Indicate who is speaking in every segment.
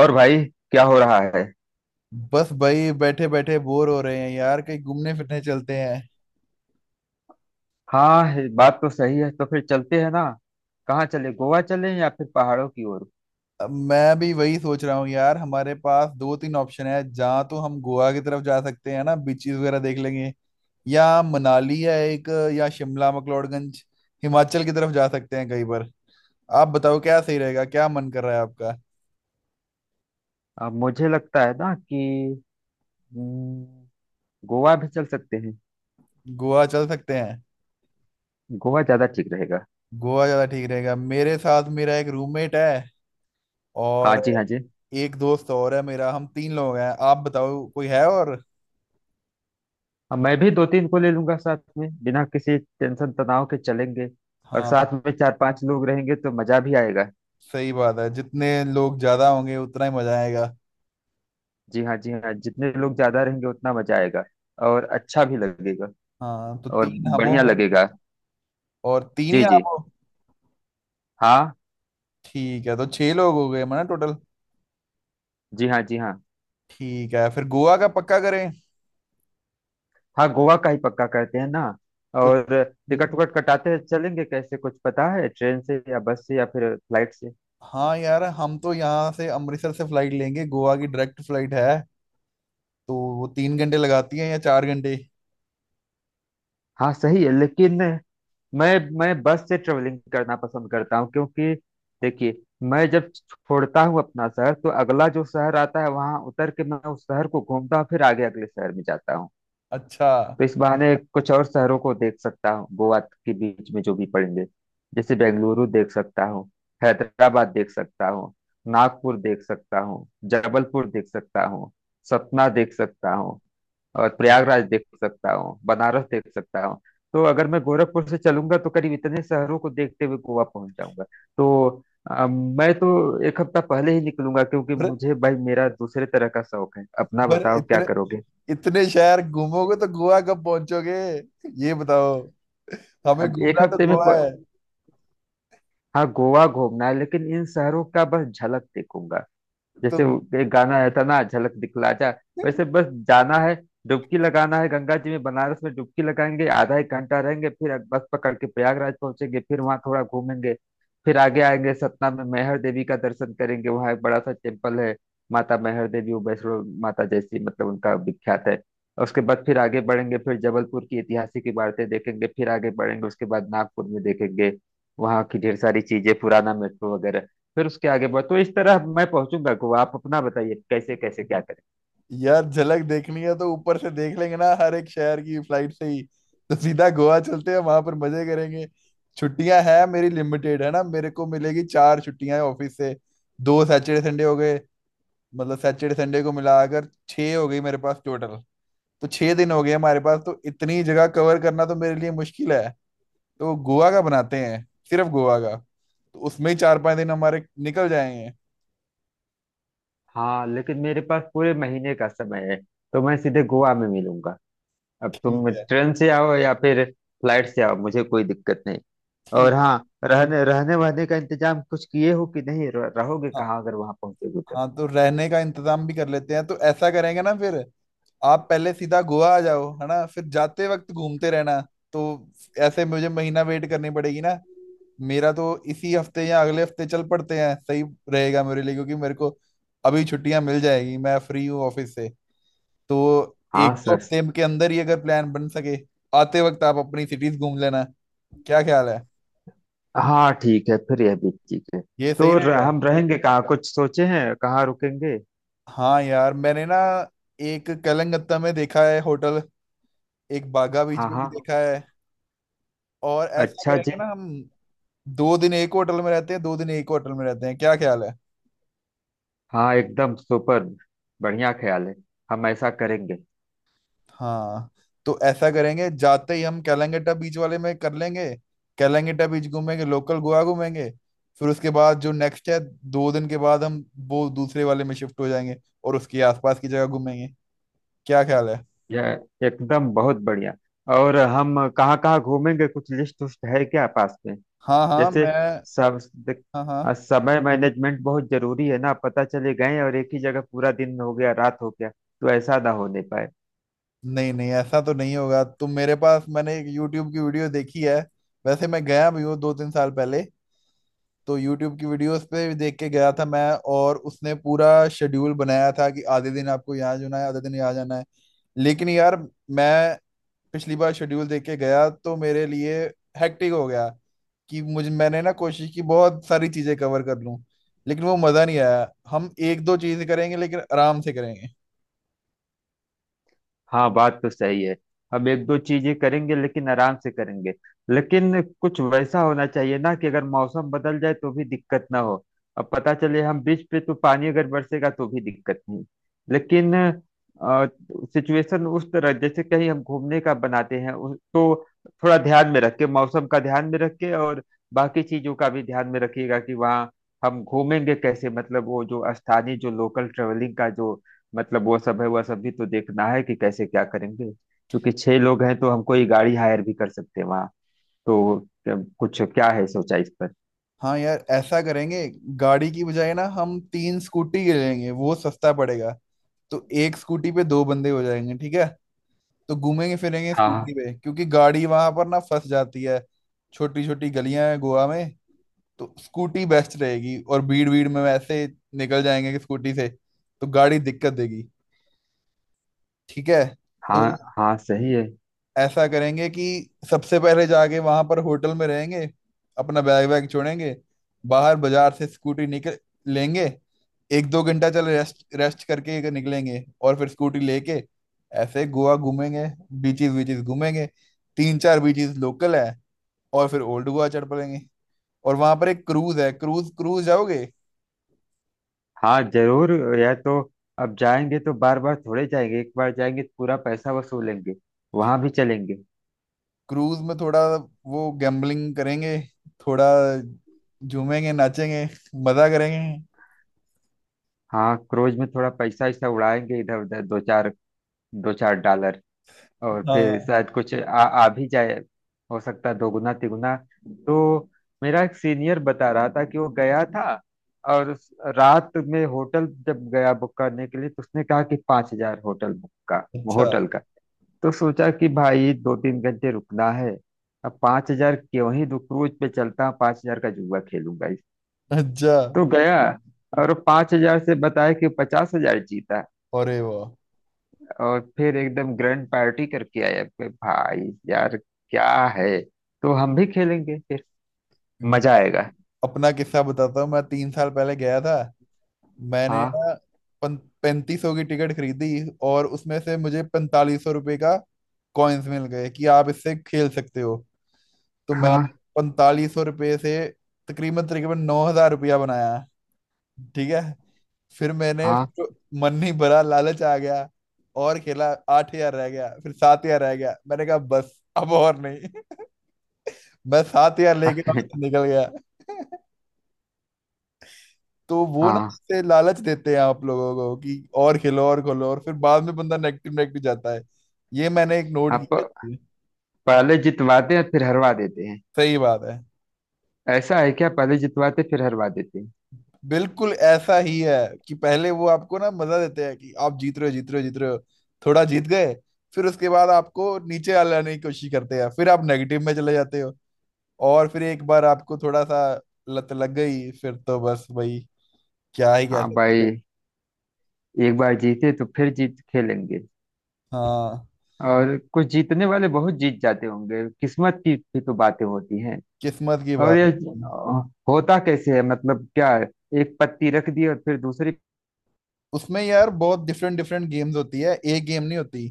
Speaker 1: और भाई क्या हो रहा है।
Speaker 2: बस भाई बैठे बैठे बोर हो रहे हैं यार, कहीं घूमने फिरने चलते हैं।
Speaker 1: हाँ, ये बात तो सही है, तो फिर चलते हैं ना। कहाँ चले, गोवा चले या फिर पहाड़ों की ओर।
Speaker 2: अब मैं भी वही सोच रहा हूँ यार। हमारे पास दो तीन ऑप्शन है जहाँ। तो हम गोवा की तरफ जा सकते हैं ना, बीचेस वगैरह देख लेंगे। या मनाली है एक, या शिमला मकलोडगंज, हिमाचल की तरफ जा सकते हैं कहीं पर। आप बताओ क्या सही रहेगा, क्या मन कर रहा है आपका।
Speaker 1: अब मुझे लगता है ना कि हम्म, गोवा भी चल सकते हैं।
Speaker 2: गोवा चल सकते हैं।
Speaker 1: गोवा ज्यादा ठीक रहेगा।
Speaker 2: गोवा ज़्यादा ठीक रहेगा। मेरे साथ मेरा एक रूममेट है
Speaker 1: हाँ
Speaker 2: और
Speaker 1: जी, हाँ जी।
Speaker 2: एक दोस्त और है मेरा, हम तीन लोग हैं। आप बताओ कोई है और।
Speaker 1: हाँ, मैं भी दो तीन को ले लूंगा साथ में, बिना किसी टेंशन तनाव के चलेंगे। और
Speaker 2: हाँ,
Speaker 1: साथ में चार पांच लोग रहेंगे तो मजा भी आएगा।
Speaker 2: सही बात है, जितने लोग ज्यादा होंगे उतना ही मजा आएगा।
Speaker 1: जी हाँ, जी हाँ, जितने लोग ज्यादा रहेंगे उतना मजा आएगा। और अच्छा भी लगेगा।
Speaker 2: हाँ तो
Speaker 1: और
Speaker 2: तीन हम हो
Speaker 1: बढ़िया
Speaker 2: गए
Speaker 1: लगेगा।
Speaker 2: और तीन ही
Speaker 1: जी
Speaker 2: आप
Speaker 1: जी।
Speaker 2: हो।
Speaker 1: हाँ।
Speaker 2: ठीक है तो छह लोग हो गए माना टोटल।
Speaker 1: जी हाँ, जी हाँ।
Speaker 2: ठीक है फिर गोवा का पक्का करें।
Speaker 1: हाँ, गोवा का ही पक्का करते हैं ना।
Speaker 2: कुछ
Speaker 1: और टिकट
Speaker 2: हम्म,
Speaker 1: विकट कटाते हैं, चलेंगे कैसे? कुछ पता है, ट्रेन से या बस से या फिर फ्लाइट से?
Speaker 2: हाँ यार, हम तो यहाँ से अमृतसर से फ्लाइट लेंगे, गोवा की डायरेक्ट फ्लाइट है। तो वो 3 घंटे लगाती है या 4 घंटे।
Speaker 1: हाँ सही है, लेकिन मैं बस से ट्रेवलिंग करना पसंद करता हूँ क्योंकि देखिए, मैं जब छोड़ता हूँ अपना शहर तो अगला जो शहर आता है वहां उतर के मैं उस शहर को घूमता हूँ, फिर आगे अगले शहर में जाता हूँ।
Speaker 2: अच्छा।
Speaker 1: तो इस बहाने कुछ और शहरों को देख सकता हूँ, गोवा के बीच में जो भी पड़ेंगे। जैसे बेंगलुरु देख सकता हूँ, हैदराबाद देख सकता हूँ, नागपुर देख सकता हूँ, जबलपुर देख सकता हूँ, सतना देख सकता हूँ, और प्रयागराज देख सकता हूँ, बनारस देख सकता हूँ। तो अगर मैं गोरखपुर से चलूंगा तो करीब इतने शहरों को देखते हुए गोवा पहुंच जाऊंगा। तो मैं तो एक हफ्ता पहले ही निकलूंगा क्योंकि
Speaker 2: पर
Speaker 1: मुझे, भाई मेरा दूसरे तरह का शौक है, अपना
Speaker 2: पर
Speaker 1: बताओ क्या
Speaker 2: इतने
Speaker 1: करोगे।
Speaker 2: इतने शहर घूमोगे तो गोवा कब पहुंचोगे, ये बताओ। हमें
Speaker 1: अब एक
Speaker 2: घूमना तो
Speaker 1: हफ्ते में।
Speaker 2: गोवा है।
Speaker 1: हाँ, गोवा घूमना है लेकिन इन शहरों का बस झलक देखूंगा।
Speaker 2: तो
Speaker 1: जैसे वो एक गाना आया था ना, झलक दिखला जा। वैसे बस जाना है। डुबकी लगाना है गंगा जी में, बनारस में डुबकी लगाएंगे, आधा एक घंटा रहेंगे, फिर बस पकड़ के प्रयागराज पहुंचेंगे, फिर वहां थोड़ा घूमेंगे। फिर आगे आएंगे सतना में मैहर देवी का दर्शन करेंगे, वहां एक बड़ा सा टेम्पल है। माता मैहर देवी वो वैष्णो माता जैसी, मतलब उनका विख्यात है। और उसके बाद फिर आगे बढ़ेंगे, फिर जबलपुर की ऐतिहासिक इमारतें देखेंगे, फिर आगे बढ़ेंगे, उसके बाद नागपुर में देखेंगे। वहाँ की ढेर सारी चीजें, पुराना मेट्रो वगैरह। फिर उसके आगे बढ़, तो इस तरह मैं पहुंचूंगा गोवा। आप अपना बताइए कैसे कैसे क्या करें।
Speaker 2: यार, झलक देखनी है तो ऊपर से देख लेंगे ना हर एक शहर की, फ्लाइट से ही। तो सीधा गोवा चलते हैं, वहां पर मजे करेंगे। छुट्टियां हैं मेरी लिमिटेड है ना, मेरे को मिलेगी चार छुट्टियां ऑफिस से। दो सैटरडे संडे हो गए। मतलब सैटरडे संडे को मिलाकर छः हो गई मेरे पास टोटल। तो छः दिन हो गए हमारे पास, तो इतनी जगह कवर करना तो मेरे लिए मुश्किल है। तो गोवा का बनाते हैं, सिर्फ गोवा का, तो उसमें ही चार पांच दिन हमारे निकल जाएंगे।
Speaker 1: हाँ लेकिन मेरे पास पूरे महीने का समय है। तो मैं सीधे गोवा में मिलूंगा। अब तुम
Speaker 2: ठीक है।
Speaker 1: ट्रेन से आओ या फिर फ्लाइट से आओ, मुझे कोई दिक्कत नहीं। और
Speaker 2: ठीक।
Speaker 1: हाँ, रहने रहने वहने का इंतजाम कुछ किए हो कि नहीं, रहोगे
Speaker 2: हाँ।
Speaker 1: कहाँ अगर वहां पहुंचोगे तो?
Speaker 2: हाँ तो रहने का इंतजाम भी कर लेते हैं। तो ऐसा करेंगे ना फिर, आप पहले सीधा गोवा आ जाओ, है ना, फिर जाते वक्त घूमते रहना। तो ऐसे मुझे महीना वेट करनी पड़ेगी ना। मेरा तो इसी हफ्ते या अगले हफ्ते चल पड़ते हैं, सही रहेगा मेरे लिए, क्योंकि मेरे को अभी छुट्टियां मिल जाएगी, मैं फ्री हूँ ऑफिस से। तो एक
Speaker 1: हाँ
Speaker 2: दो
Speaker 1: सर।
Speaker 2: हफ्ते के अंदर ही अगर प्लान बन सके। आते वक्त आप अपनी सिटीज घूम लेना। क्या ख्याल है।
Speaker 1: हाँ ठीक है, फिर यह भी ठीक है।
Speaker 2: ये सही
Speaker 1: तो
Speaker 2: रहेगा।
Speaker 1: हम रहेंगे कहाँ, कुछ सोचे हैं कहाँ रुकेंगे?
Speaker 2: हाँ यार, मैंने ना एक कलंगत्ता में देखा है होटल, एक बागा बीच
Speaker 1: हाँ
Speaker 2: में भी
Speaker 1: हाँ।
Speaker 2: देखा है। और ऐसा
Speaker 1: अच्छा जी।
Speaker 2: करेंगे ना हम, 2 दिन एक होटल में रहते हैं, 2 दिन एक होटल में रहते हैं। क्या ख्याल है।
Speaker 1: हाँ एकदम सुपर। बढ़िया ख्याल है। हम ऐसा करेंगे।
Speaker 2: हाँ तो ऐसा करेंगे, जाते ही हम कैलंगेटा बीच वाले में कर लेंगे। कैलंगेटा बीच घूमेंगे, लोकल गोवा घूमेंगे। फिर उसके बाद जो नेक्स्ट है, 2 दिन के बाद हम वो दूसरे वाले में शिफ्ट हो जाएंगे, और उसके आसपास की जगह घूमेंगे। क्या ख्याल है।
Speaker 1: यह एकदम बहुत बढ़िया। और हम कहाँ कहाँ घूमेंगे, कुछ लिस्ट उस्ट है क्या पास में?
Speaker 2: हाँ हाँ
Speaker 1: जैसे
Speaker 2: मैं।
Speaker 1: सब देख,
Speaker 2: हाँ हाँ।
Speaker 1: समय मैनेजमेंट बहुत जरूरी है ना, पता चले गए और एक ही जगह पूरा दिन हो गया रात हो गया, तो ऐसा ना होने पाए।
Speaker 2: नहीं नहीं ऐसा तो नहीं होगा। तो मेरे पास, मैंने एक यूट्यूब की वीडियो देखी है। वैसे मैं गया भी हूँ दो 3 साल पहले। तो यूट्यूब की वीडियोस पे देख के गया था मैं, और उसने पूरा शेड्यूल बनाया था कि आधे दिन आपको यहाँ जाना है, आधे दिन यहाँ जाना है। लेकिन यार मैं पिछली बार शेड्यूल देख के गया तो मेरे लिए हेक्टिक हो गया। कि मुझे, मैंने ना कोशिश की बहुत सारी चीजें कवर कर लूं, लेकिन वो मजा नहीं आया। हम एक दो चीज करेंगे लेकिन आराम से करेंगे।
Speaker 1: हाँ बात तो सही है। हम एक दो चीजें करेंगे लेकिन आराम से करेंगे। लेकिन कुछ वैसा होना चाहिए ना कि अगर मौसम बदल जाए तो भी दिक्कत ना हो। अब पता चले हम बीच पे, तो पानी अगर बरसेगा तो भी दिक्कत नहीं। लेकिन सिचुएशन उस तरह, जैसे कहीं हम घूमने का बनाते हैं तो थोड़ा ध्यान में रख के, मौसम का ध्यान में रख के, और बाकी चीजों का भी ध्यान में रखिएगा कि वहाँ हम घूमेंगे कैसे, मतलब वो जो स्थानीय जो लोकल ट्रेवलिंग का जो, मतलब वो सब है, वह सब भी तो देखना है कि कैसे क्या करेंगे। क्योंकि छह लोग हैं तो हम कोई गाड़ी हायर भी कर सकते हैं वहाँ। तो कुछ क्या है सोचा इस पर?
Speaker 2: हाँ यार ऐसा करेंगे, गाड़ी की बजाय ना हम तीन स्कूटी ले लेंगे, वो सस्ता पड़ेगा। तो एक स्कूटी पे दो बंदे हो जाएंगे, ठीक है। तो घूमेंगे फिरेंगे स्कूटी
Speaker 1: हाँ
Speaker 2: पे, क्योंकि गाड़ी वहां पर ना फंस जाती है। छोटी छोटी गलियां हैं गोवा में, तो स्कूटी बेस्ट रहेगी। और भीड़ भीड़ में वैसे निकल जाएंगे कि स्कूटी से, तो गाड़ी दिक्कत देगी। ठीक है। तो
Speaker 1: हाँ, हाँ सही है।
Speaker 2: ऐसा करेंगे कि सबसे पहले जाके वहां पर होटल में रहेंगे, अपना बैग वैग छोड़ेंगे, बाहर बाजार से स्कूटी निकल लेंगे। एक दो घंटा चल, रेस्ट रेस्ट करके निकलेंगे, और फिर स्कूटी लेके ऐसे गोवा घूमेंगे। बीचेस बीचेस घूमेंगे, तीन चार बीचेस लोकल है। और फिर ओल्ड गोवा चढ़ पड़ेंगे। और वहां पर एक क्रूज है, क्रूज क्रूज जाओगे।
Speaker 1: हाँ जरूर। यह तो। अब जाएंगे तो बार बार थोड़े जाएंगे, एक बार जाएंगे तो पूरा पैसा वसूलेंगे। वहां भी चलेंगे।
Speaker 2: क्रूज में थोड़ा वो गैम्बलिंग करेंगे, थोड़ा झूमेंगे नाचेंगे, मजा करेंगे।
Speaker 1: हाँ क्रूज में थोड़ा पैसा ऐसा उड़ाएंगे, इधर उधर दो चार, दो चार डॉलर। और फिर
Speaker 2: हाँ।
Speaker 1: शायद कुछ आ भी जाए। हो सकता है दोगुना तिगुना। तो मेरा एक सीनियर बता रहा था कि वो गया था, और रात में होटल जब गया बुक करने के लिए, तो उसने कहा कि 5,000 होटल बुक का,
Speaker 2: अच्छा।
Speaker 1: होटल का। तो सोचा कि भाई दो तीन घंटे रुकना है। अब 5,000 क्यों ही दो, क्रूज पे चलता, 5,000 का जुआ खेलूंगा इस।
Speaker 2: अच्छा।
Speaker 1: तो गया और 5,000 से बताया कि 50,000 जीता।
Speaker 2: अरे वाह।
Speaker 1: और फिर एकदम ग्रैंड पार्टी करके आए अपने, भाई यार क्या है। तो हम भी खेलेंगे फिर। मजा
Speaker 2: मैं
Speaker 1: आएगा।
Speaker 2: अपना किस्सा बताता हूँ, मैं 3 साल पहले गया था। मैंने
Speaker 1: हाँ
Speaker 2: ना 3500 की टिकट खरीदी, और उसमें से मुझे 4500 रुपये का कॉइन्स मिल गए कि आप इससे खेल सकते हो। तो मैं
Speaker 1: हाँ
Speaker 2: 4500 रुपये से तकरीबन तकरीबन 9000 रुपया बनाया, ठीक है। फिर मैंने
Speaker 1: हाँ।
Speaker 2: तो मन नहीं भरा, लालच आ गया, और खेला, 8000 रह गया, फिर 7000 रह गया। मैंने कहा बस अब और नहीं। मैं 7000 लेके वहाँ
Speaker 1: हाँ
Speaker 2: से निकल गया। तो वो ना
Speaker 1: हाँ
Speaker 2: जैसे लालच देते हैं आप लोगों को कि और खेलो और खोलो, और फिर बाद में बंदा नेगेटिव नेगेटिव जाता है। ये मैंने एक नोट
Speaker 1: हाँ।
Speaker 2: किया है।
Speaker 1: पहले जितवाते हैं फिर हरवा देते हैं।
Speaker 2: सही बात है।
Speaker 1: ऐसा है क्या, पहले जितवाते फिर हरवा देते हैं?
Speaker 2: बिल्कुल ऐसा ही है कि पहले वो आपको ना मजा देते हैं कि आप जीत रहे हो, जीत रहे हो, जीत रहे हो, थोड़ा जीत गए। फिर उसके बाद आपको नीचे आ लाने की कोशिश करते हैं, फिर आप नेगेटिव में चले जाते हो। और फिर एक बार आपको थोड़ा सा लत लग गई, फिर तो बस भाई, क्या ही कह
Speaker 1: हाँ
Speaker 2: सकते
Speaker 1: भाई। एक बार जीते तो फिर जीत खेलेंगे।
Speaker 2: हैं। हाँ,
Speaker 1: और कुछ जीतने वाले बहुत जीत जाते होंगे, किस्मत की भी तो बातें होती हैं।
Speaker 2: किस्मत की
Speaker 1: और
Speaker 2: बात
Speaker 1: ये
Speaker 2: है।
Speaker 1: होता कैसे है, मतलब क्या है? एक पत्ती रख दी और फिर दूसरी।
Speaker 2: उसमें यार बहुत डिफरेंट डिफरेंट गेम्स होती है, एक गेम नहीं होती।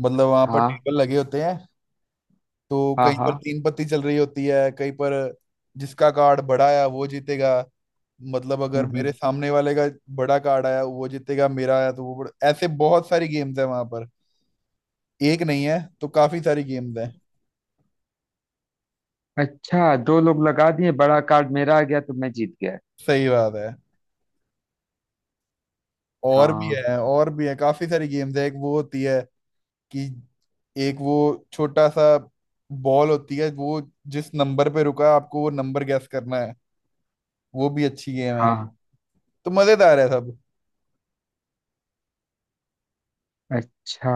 Speaker 2: मतलब वहां पर
Speaker 1: हाँ
Speaker 2: टेबल लगे होते हैं, तो
Speaker 1: हाँ
Speaker 2: कहीं
Speaker 1: हाँ।
Speaker 2: पर तीन पत्ती चल रही होती है, कहीं पर जिसका कार्ड बड़ा आया वो जीतेगा। मतलब अगर
Speaker 1: हम्म
Speaker 2: मेरे
Speaker 1: हम्म।
Speaker 2: सामने वाले का बड़ा कार्ड आया वो जीतेगा, मेरा आया तो वो बड़ा। ऐसे बहुत सारी गेम्स है वहां पर, एक नहीं है तो काफी सारी गेम्स है।
Speaker 1: अच्छा, दो लोग लगा दिए, बड़ा कार्ड मेरा आ गया तो मैं जीत गया।
Speaker 2: सही बात है। और भी
Speaker 1: हाँ
Speaker 2: है, और भी है, काफी सारी गेम्स है। एक वो होती है कि एक वो छोटा सा बॉल होती है वो, जिस नंबर पे रुका है, आपको वो नंबर गैस करना है। वो भी अच्छी गेम है।
Speaker 1: हाँ।
Speaker 2: तो मजेदार है सब।
Speaker 1: अच्छा।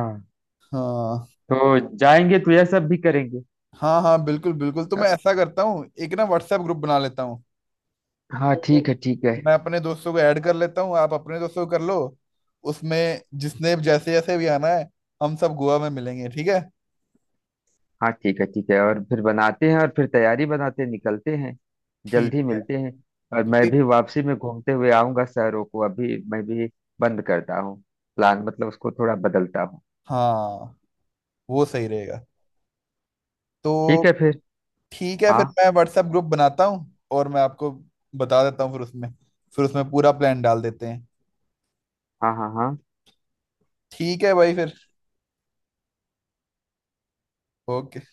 Speaker 2: हाँ
Speaker 1: तो जाएंगे तो यह सब भी करेंगे।
Speaker 2: हाँ हाँ, बिल्कुल बिल्कुल। तो
Speaker 1: अ,
Speaker 2: मैं ऐसा करता हूँ, एक ना व्हाट्सएप ग्रुप बना लेता हूँ।
Speaker 1: हाँ ठीक
Speaker 2: तो
Speaker 1: है, ठीक है।
Speaker 2: मैं अपने दोस्तों को ऐड कर लेता हूँ, आप अपने दोस्तों को कर लो। उसमें जिसने जैसे जैसे भी आना है, हम सब गोवा में मिलेंगे, ठीक है।
Speaker 1: हाँ ठीक है, ठीक है, और फिर बनाते हैं, और फिर तैयारी बनाते हैं, निकलते हैं।
Speaker 2: ठीक
Speaker 1: जल्दी
Speaker 2: है
Speaker 1: मिलते हैं। और
Speaker 2: तो
Speaker 1: मैं भी
Speaker 2: एक,
Speaker 1: वापसी में घूमते हुए आऊंगा शहरों को, अभी मैं भी बंद करता हूँ। प्लान मतलब उसको थोड़ा बदलता हूँ।
Speaker 2: हाँ वो सही रहेगा।
Speaker 1: ठीक है
Speaker 2: तो
Speaker 1: फिर।
Speaker 2: ठीक है
Speaker 1: हाँ
Speaker 2: फिर मैं व्हाट्सएप ग्रुप बनाता हूँ, और मैं आपको बता देता हूँ। फिर उसमें, फिर उसमें पूरा प्लान डाल देते हैं।
Speaker 1: हाँ हाँ हाँ।
Speaker 2: ठीक है भाई फिर। ओके।